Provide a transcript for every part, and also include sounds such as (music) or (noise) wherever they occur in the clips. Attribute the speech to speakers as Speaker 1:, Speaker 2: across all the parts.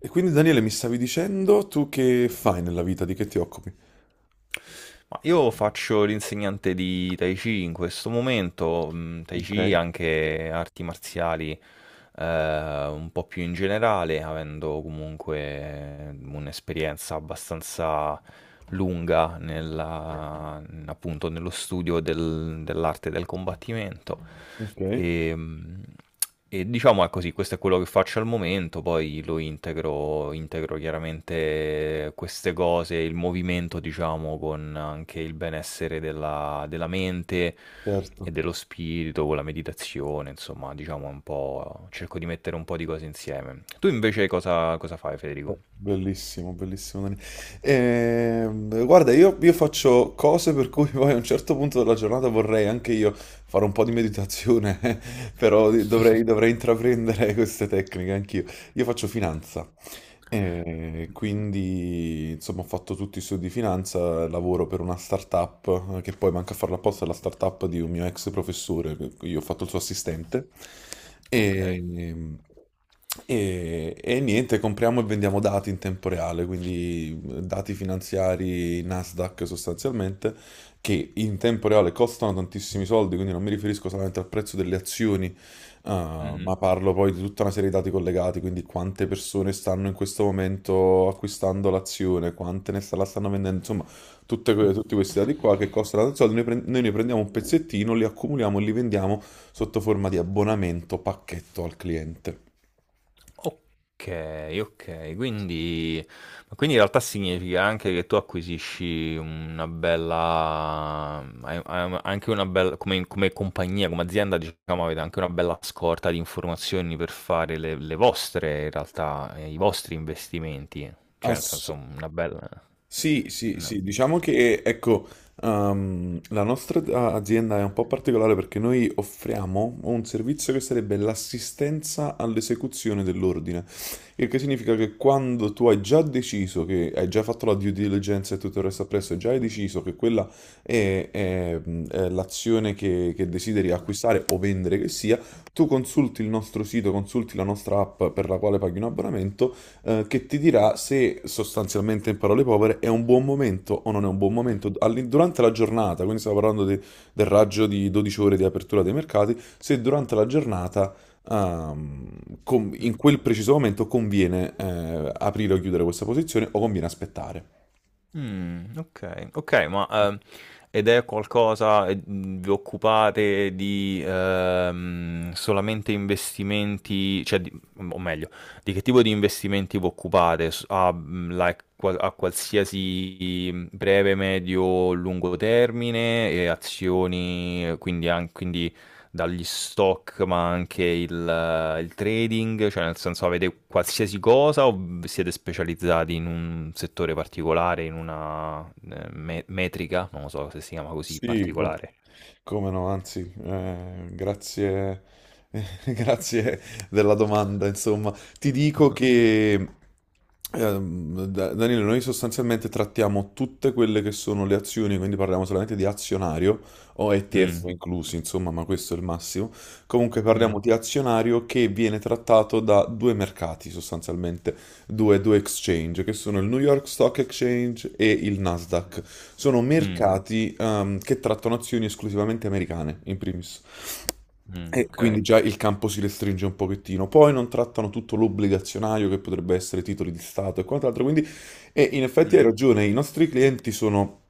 Speaker 1: E quindi Daniele, mi stavi dicendo tu che fai nella vita, di che ti occupi?
Speaker 2: Ma io faccio l'insegnante di Tai Chi in questo momento. Mh, Tai
Speaker 1: Ok,
Speaker 2: Chi anche arti marziali un po' più in generale, avendo comunque un'esperienza abbastanza lunga appunto nello studio dell'arte del combattimento.
Speaker 1: ok,
Speaker 2: E, mh, e diciamo è così, questo è quello che faccio al momento, poi lo integro, integro chiaramente queste cose, il movimento, diciamo, con anche il benessere della, della mente
Speaker 1: certo.
Speaker 2: e dello spirito, con la meditazione, insomma, diciamo un po', cerco di mettere un po' di cose insieme. Tu invece cosa, cosa fai, Federico?
Speaker 1: Beh, bellissimo, bellissimo Daniele. Guarda, io faccio cose per cui poi a un certo punto della giornata vorrei anche io fare un po' di meditazione. (laughs) Però dovrei intraprendere queste tecniche anch'io. Io faccio finanza. E quindi, insomma, ho fatto tutti i studi di finanza, lavoro per una startup, che poi manca a farla apposta, è la startup di un mio ex professore, che io ho fatto il suo assistente.
Speaker 2: Ok.
Speaker 1: E, e niente, compriamo e vendiamo dati in tempo reale, quindi dati finanziari Nasdaq sostanzialmente, che in tempo reale costano tantissimi soldi, quindi non mi riferisco solamente al prezzo delle azioni. Ah,
Speaker 2: Mhm.
Speaker 1: ma parlo poi di tutta una serie di dati collegati, quindi quante persone stanno in questo momento acquistando l'azione, quante la stanno vendendo, insomma,
Speaker 2: Mm.
Speaker 1: tutti questi dati qua che costano tanti soldi, noi ne prendiamo un pezzettino, li accumuliamo e li vendiamo sotto forma di abbonamento pacchetto al cliente.
Speaker 2: Ok, ok, quindi, ma quindi in realtà significa anche che tu acquisisci una bella, hai anche una bella, come, come compagnia, come azienda, diciamo, avete anche una bella scorta di informazioni per fare le vostre, in realtà, i vostri investimenti, cioè nel
Speaker 1: Ass-
Speaker 2: senso una bella...
Speaker 1: Sì, sì,
Speaker 2: no.
Speaker 1: sì, diciamo che ecco, la nostra azienda è un po' particolare perché noi offriamo un servizio che sarebbe l'assistenza all'esecuzione dell'ordine, il che significa che quando tu hai già deciso che hai già fatto la due diligence e tutto il resto appresso, e già hai deciso che quella è l'azione che desideri acquistare o vendere che sia, tu consulti il nostro sito, consulti la nostra app per la quale paghi un abbonamento che ti dirà se sostanzialmente in parole povere è un buon momento o non è un buon momento durante la giornata, quindi stiamo parlando del raggio di 12 ore di apertura dei mercati, se durante la giornata ehm, in quel preciso momento conviene aprire o chiudere questa posizione o conviene aspettare.
Speaker 2: Okay, okay, ma, ed è qualcosa vi occupate di, solamente investimenti cioè di o meglio, di che tipo di investimenti vi occupate? Like qua a qualsiasi, breve, medio, lungo termine e azioni, quindi dagli stock, ma anche il trading, cioè nel senso avete qualsiasi cosa o siete specializzati in un settore particolare, in una metrica, non lo so se si chiama così,
Speaker 1: Sì,
Speaker 2: particolare.
Speaker 1: come no, anzi, grazie, (laughs) grazie della domanda. Insomma, ti dico
Speaker 2: (laughs)
Speaker 1: che Danilo, noi sostanzialmente trattiamo tutte quelle che sono le azioni, quindi parliamo solamente di azionario o ETF
Speaker 2: Mm,
Speaker 1: inclusi, insomma, ma questo è il massimo. Comunque parliamo
Speaker 2: mm,
Speaker 1: di azionario che viene trattato da due mercati sostanzialmente due exchange, che sono il New York Stock Exchange e il Nasdaq. Sono
Speaker 2: mm,
Speaker 1: mercati che trattano azioni esclusivamente americane, in primis.
Speaker 2: mm,
Speaker 1: E
Speaker 2: ok,
Speaker 1: quindi già il campo si restringe un pochettino. Poi non trattano tutto l'obbligazionario che potrebbe essere titoli di Stato e quant'altro. Quindi, e in effetti hai
Speaker 2: mm,
Speaker 1: ragione, i nostri clienti sono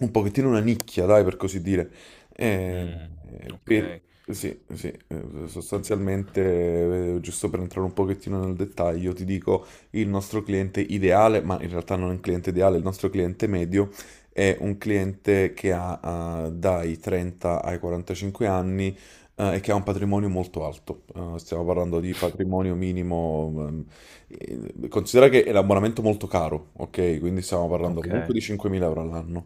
Speaker 1: un pochettino una nicchia, dai, per così dire. Eh,
Speaker 2: mm,
Speaker 1: per-
Speaker 2: ok,
Speaker 1: sì, sì, sostanzialmente, giusto per entrare un pochettino nel dettaglio, ti dico il nostro cliente ideale, ma in realtà non è un cliente ideale, il nostro cliente medio è un cliente che ha, dai 30 ai 45 anni e che ha un patrimonio molto alto. Stiamo parlando di
Speaker 2: (laughs)
Speaker 1: patrimonio minimo, considera che è un abbonamento molto caro, ok? Quindi stiamo parlando comunque
Speaker 2: ok,
Speaker 1: di 5.000 euro all'anno.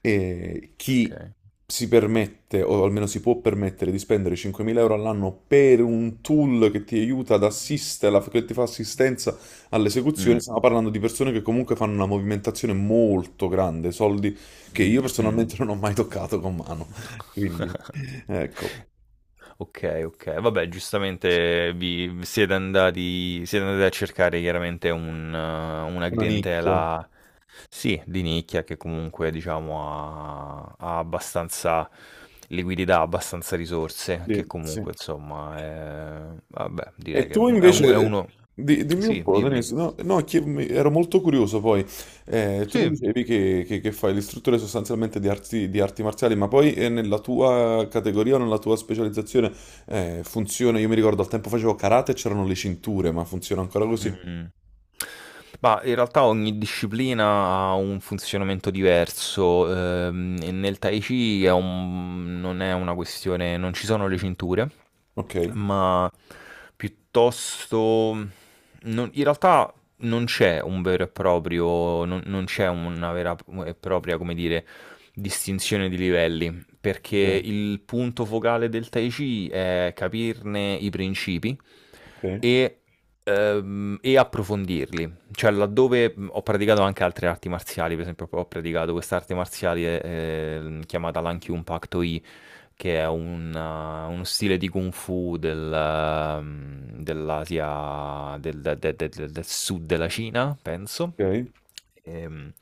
Speaker 1: E chi
Speaker 2: ok.
Speaker 1: si permette, o almeno si può permettere, di spendere 5.000 euro all'anno per un tool che ti aiuta ad assistere, che ti fa assistenza all'esecuzione,
Speaker 2: Mm,
Speaker 1: stiamo parlando di persone che comunque fanno una movimentazione molto grande, soldi che io
Speaker 2: mm, mm.
Speaker 1: personalmente non ho mai toccato con mano. (laughs) Quindi,
Speaker 2: (laughs)
Speaker 1: ecco.
Speaker 2: Ok, ok. Vabbè, giustamente siete andati a cercare chiaramente un, una
Speaker 1: Una nicchia,
Speaker 2: clientela, sì, di nicchia che comunque diciamo ha, ha abbastanza liquidità, abbastanza risorse,
Speaker 1: sì.
Speaker 2: che
Speaker 1: Sì.
Speaker 2: comunque insomma è, vabbè, direi
Speaker 1: E
Speaker 2: che
Speaker 1: tu
Speaker 2: è, è
Speaker 1: invece,
Speaker 2: uno...
Speaker 1: dimmi un
Speaker 2: Sì,
Speaker 1: po',
Speaker 2: dimmi.
Speaker 1: Denise, no, no, ero molto curioso poi. Tu mi
Speaker 2: Sì.
Speaker 1: dicevi che, che fai l'istruttore sostanzialmente di arti marziali, ma poi nella tua categoria, nella tua specializzazione, funziona, io mi ricordo al tempo facevo karate e c'erano le cinture, ma funziona ancora così?
Speaker 2: Mh-mh. Ma in realtà ogni disciplina ha un funzionamento diverso, e nel Tai Chi è un non è una questione non ci sono le cinture
Speaker 1: Ok,
Speaker 2: ma piuttosto... in realtà non c'è un vero e proprio, non, non c'è una vera e propria, come dire, distinzione di livelli, perché il punto focale del Tai Chi è capirne i principi
Speaker 1: ok,
Speaker 2: e, e approfondirli. Cioè, laddove ho praticato anche altre arti marziali, per esempio, ho praticato quest'arte marziale chiamata l'Ankyun Pak Do che è un, uno stile di Kung Fu del, dell'Asia, del, del sud della Cina, penso.
Speaker 1: ok,
Speaker 2: Ehm,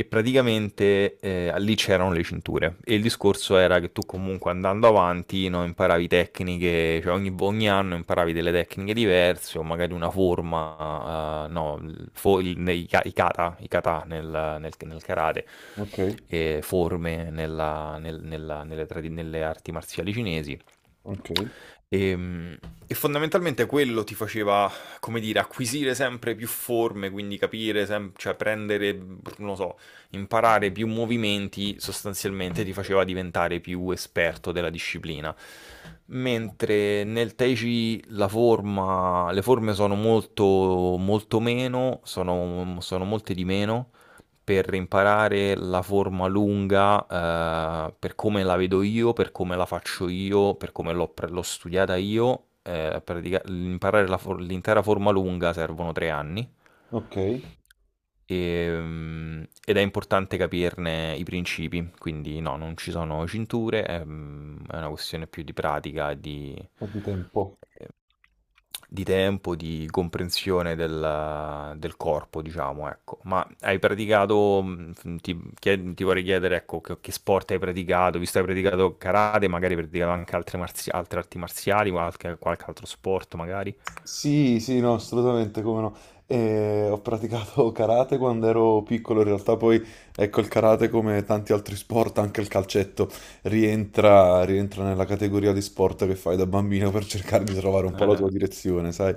Speaker 2: Praticamente lì c'erano le cinture. E il discorso era che tu comunque andando avanti no, imparavi tecniche, cioè ogni, ogni anno imparavi delle tecniche diverse o magari una forma, no, nei, i kata nel karate
Speaker 1: ok,
Speaker 2: forme nelle, nelle arti marziali cinesi.
Speaker 1: ok,
Speaker 2: Ehm, E fondamentalmente quello ti faceva, come dire, acquisire sempre più forme, quindi capire, cioè prendere, non lo so, imparare più movimenti, sostanzialmente ti faceva diventare più esperto della disciplina. Mentre nel Tai Chi la forma, le forme sono molto, molto meno, sono, sono molte di meno per imparare la forma lunga, per come la vedo io, per come la faccio io, per come l'ho studiata io, imparare la l'intera forma lunga servono 3 anni.
Speaker 1: ok,
Speaker 2: Ed è importante capirne i principi, quindi no, non ci sono cinture, è, mm, è una questione più di pratica e
Speaker 1: quanto tempo?
Speaker 2: ehm, di tempo, di comprensione del del corpo, diciamo, ecco. Ma hai praticato, mhmm, f ti chie ti vorrei chiedere, ecco, che sport hai praticato, visto che hai praticato karate, magari hai praticato anche altre marzia altre arti marziali, qualche qualche altro sport magari?
Speaker 1: Sì, sì, no, assolutamente, come no. Ho praticato (laughs) karate quando ero piccolo, in realtà poi, ecco, il karate come tanti altri sport, anche il calcetto, rientra nella categoria di sport che fai da bambino per cercare di trovare un po' la tua
Speaker 2: (laughs)
Speaker 1: direzione, sai?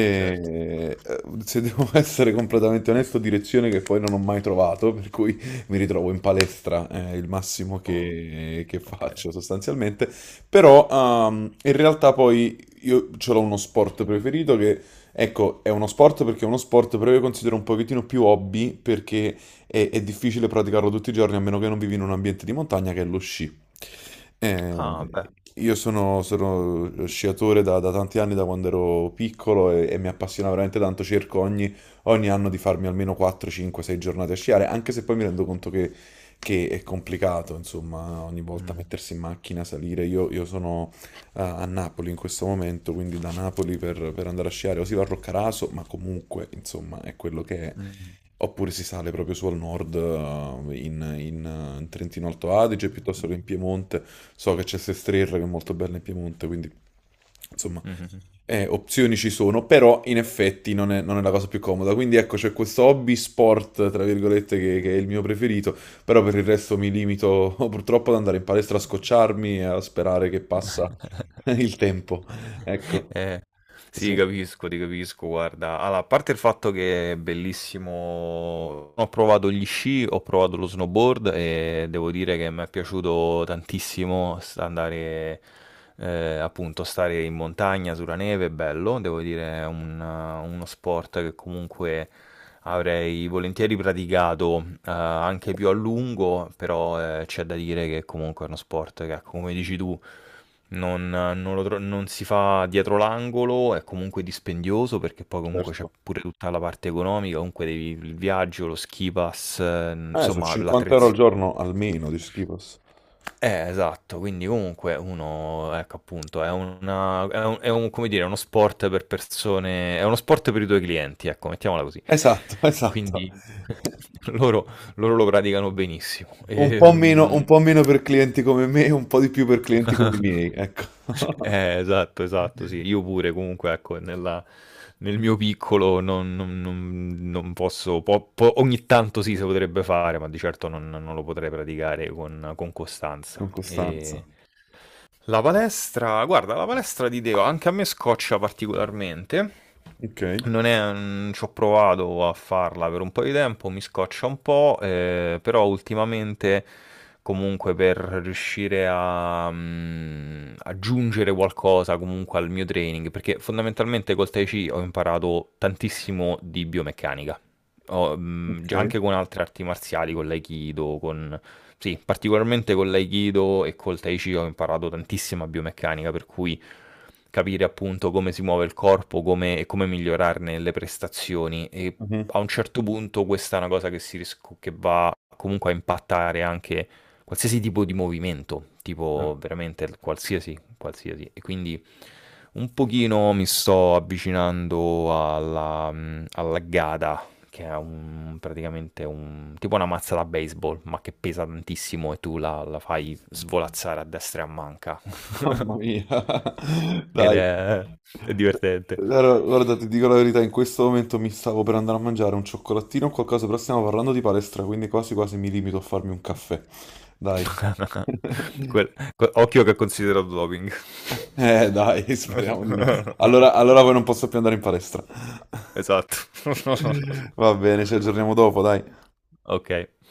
Speaker 2: Eh-eh, certo.
Speaker 1: eh, Se devo (laughs) essere completamente onesto, direzione che poi non ho mai trovato, per cui mi ritrovo in palestra, è il massimo
Speaker 2: Oh,
Speaker 1: che
Speaker 2: okay.
Speaker 1: faccio sostanzialmente. Però in realtà poi io ce l'ho uno sport preferito che, ecco, è uno sport perché è uno sport, però io considero un pochettino più hobby perché è difficile praticarlo tutti i giorni a meno che non vivi in un ambiente di montagna che è lo sci.
Speaker 2: Ah, beh.
Speaker 1: Eh, io sono sciatore da tanti anni, da quando ero piccolo e mi appassiona veramente tanto. Cerco ogni anno di farmi almeno 4, 5, 6 giornate a sciare, anche se poi mi rendo conto che è complicato, insomma, ogni volta
Speaker 2: Mh.
Speaker 1: mettersi in macchina, salire. Io sono a Napoli in questo momento, quindi da Napoli per andare a sciare o si va a Roccaraso, ma comunque, insomma, è quello che è.
Speaker 2: Mh, mh.
Speaker 1: Oppure si sale proprio su al nord, in Trentino Alto Adige, piuttosto che in Piemonte. So che c'è Sestriere che è molto bella in Piemonte, quindi insomma,
Speaker 2: Mh-mh-mh.
Speaker 1: opzioni ci sono, però in effetti non è la cosa più comoda. Quindi ecco, c'è questo hobby sport, tra virgolette, che è il mio preferito, però per il resto mi limito (laughs) purtroppo ad andare in palestra a scocciarmi e a sperare che passa (laughs)
Speaker 2: (laughs)
Speaker 1: il tempo.
Speaker 2: (laughs)
Speaker 1: Ecco,
Speaker 2: Eh, sì,
Speaker 1: sì,
Speaker 2: capisco, ti capisco, guarda. Allora, a parte il fatto che è bellissimo, ho provato gli sci, ho provato lo snowboard e devo dire che mi è piaciuto tantissimo andare, appunto, stare in montagna sulla neve, è bello, devo dire è uno sport che comunque avrei volentieri praticato, anche più a lungo, però, c'è da dire che comunque è uno sport che, come dici tu, non, non lo tro non si fa dietro l'angolo, è comunque dispendioso perché poi comunque c'è
Speaker 1: certo.
Speaker 2: pure tutta la parte economica, comunque devi il viaggio, lo ski pass,
Speaker 1: Sono
Speaker 2: insomma
Speaker 1: 50 euro al
Speaker 2: l'attrezz
Speaker 1: giorno almeno di schifos.
Speaker 2: esatto, quindi comunque uno, ecco appunto, è una è un come dire, è uno sport per persone è uno sport per i tuoi clienti, ecco, mettiamola così.
Speaker 1: Esatto, (laughs) esatto.
Speaker 2: Quindi (laughs) loro loro lo praticano benissimo.
Speaker 1: Un po' meno per clienti come me, un po' di più per clienti come i
Speaker 2: (laughs)
Speaker 1: miei, ecco. (laughs)
Speaker 2: Eh, esatto, esatto, sì. Io pure comunque, ecco, nel mio piccolo non posso po po ogni tanto sì, si potrebbe fare, ma di certo non lo potrei praticare con costanza.
Speaker 1: Con costanza.
Speaker 2: La palestra, guarda, la palestra di Deo anche a me scoccia particolarmente.
Speaker 1: Ok,
Speaker 2: Non è, ci ho provato a farla per un po' di tempo, mi scoccia un po', però ultimamente comunque per riuscire a mm, aggiungere qualcosa comunque al mio training, perché fondamentalmente col Tai Chi ho imparato tantissimo di biomeccanica, ho, mm,
Speaker 1: ok.
Speaker 2: anche con altre arti marziali, con l'Aikido, con sì, particolarmente con l'Aikido e col Tai Chi ho imparato tantissima biomeccanica, per cui capire appunto come si muove il corpo, come, e come migliorarne le prestazioni. E
Speaker 1: Mhm.
Speaker 2: a un certo punto questa è una cosa che, che va comunque a impattare anche qualsiasi tipo di movimento,
Speaker 1: Eh,
Speaker 2: tipo veramente qualsiasi, qualsiasi. E quindi un pochino mi sto avvicinando alla, alla Gada, che è un, praticamente un, tipo una mazza da baseball, ma che pesa tantissimo e tu la, la fai svolazzare a destra e a manca. (laughs)
Speaker 1: mamma mia. (laughs)
Speaker 2: Ed
Speaker 1: Dai.
Speaker 2: è divertente.
Speaker 1: Allora, guarda, ti dico la verità, in questo momento mi stavo per andare a mangiare un cioccolatino o qualcosa, però stiamo parlando di palestra, quindi quasi quasi mi limito a farmi un caffè. Dai.
Speaker 2: (laughs)
Speaker 1: (laughs)
Speaker 2: Occhio che è considerato doping.
Speaker 1: Dai, speriamo di no.
Speaker 2: (laughs)
Speaker 1: Allora, poi non posso più andare in palestra.
Speaker 2: Esatto.
Speaker 1: (laughs) Va bene, ci aggiorniamo dopo, dai.
Speaker 2: (laughs) Ok.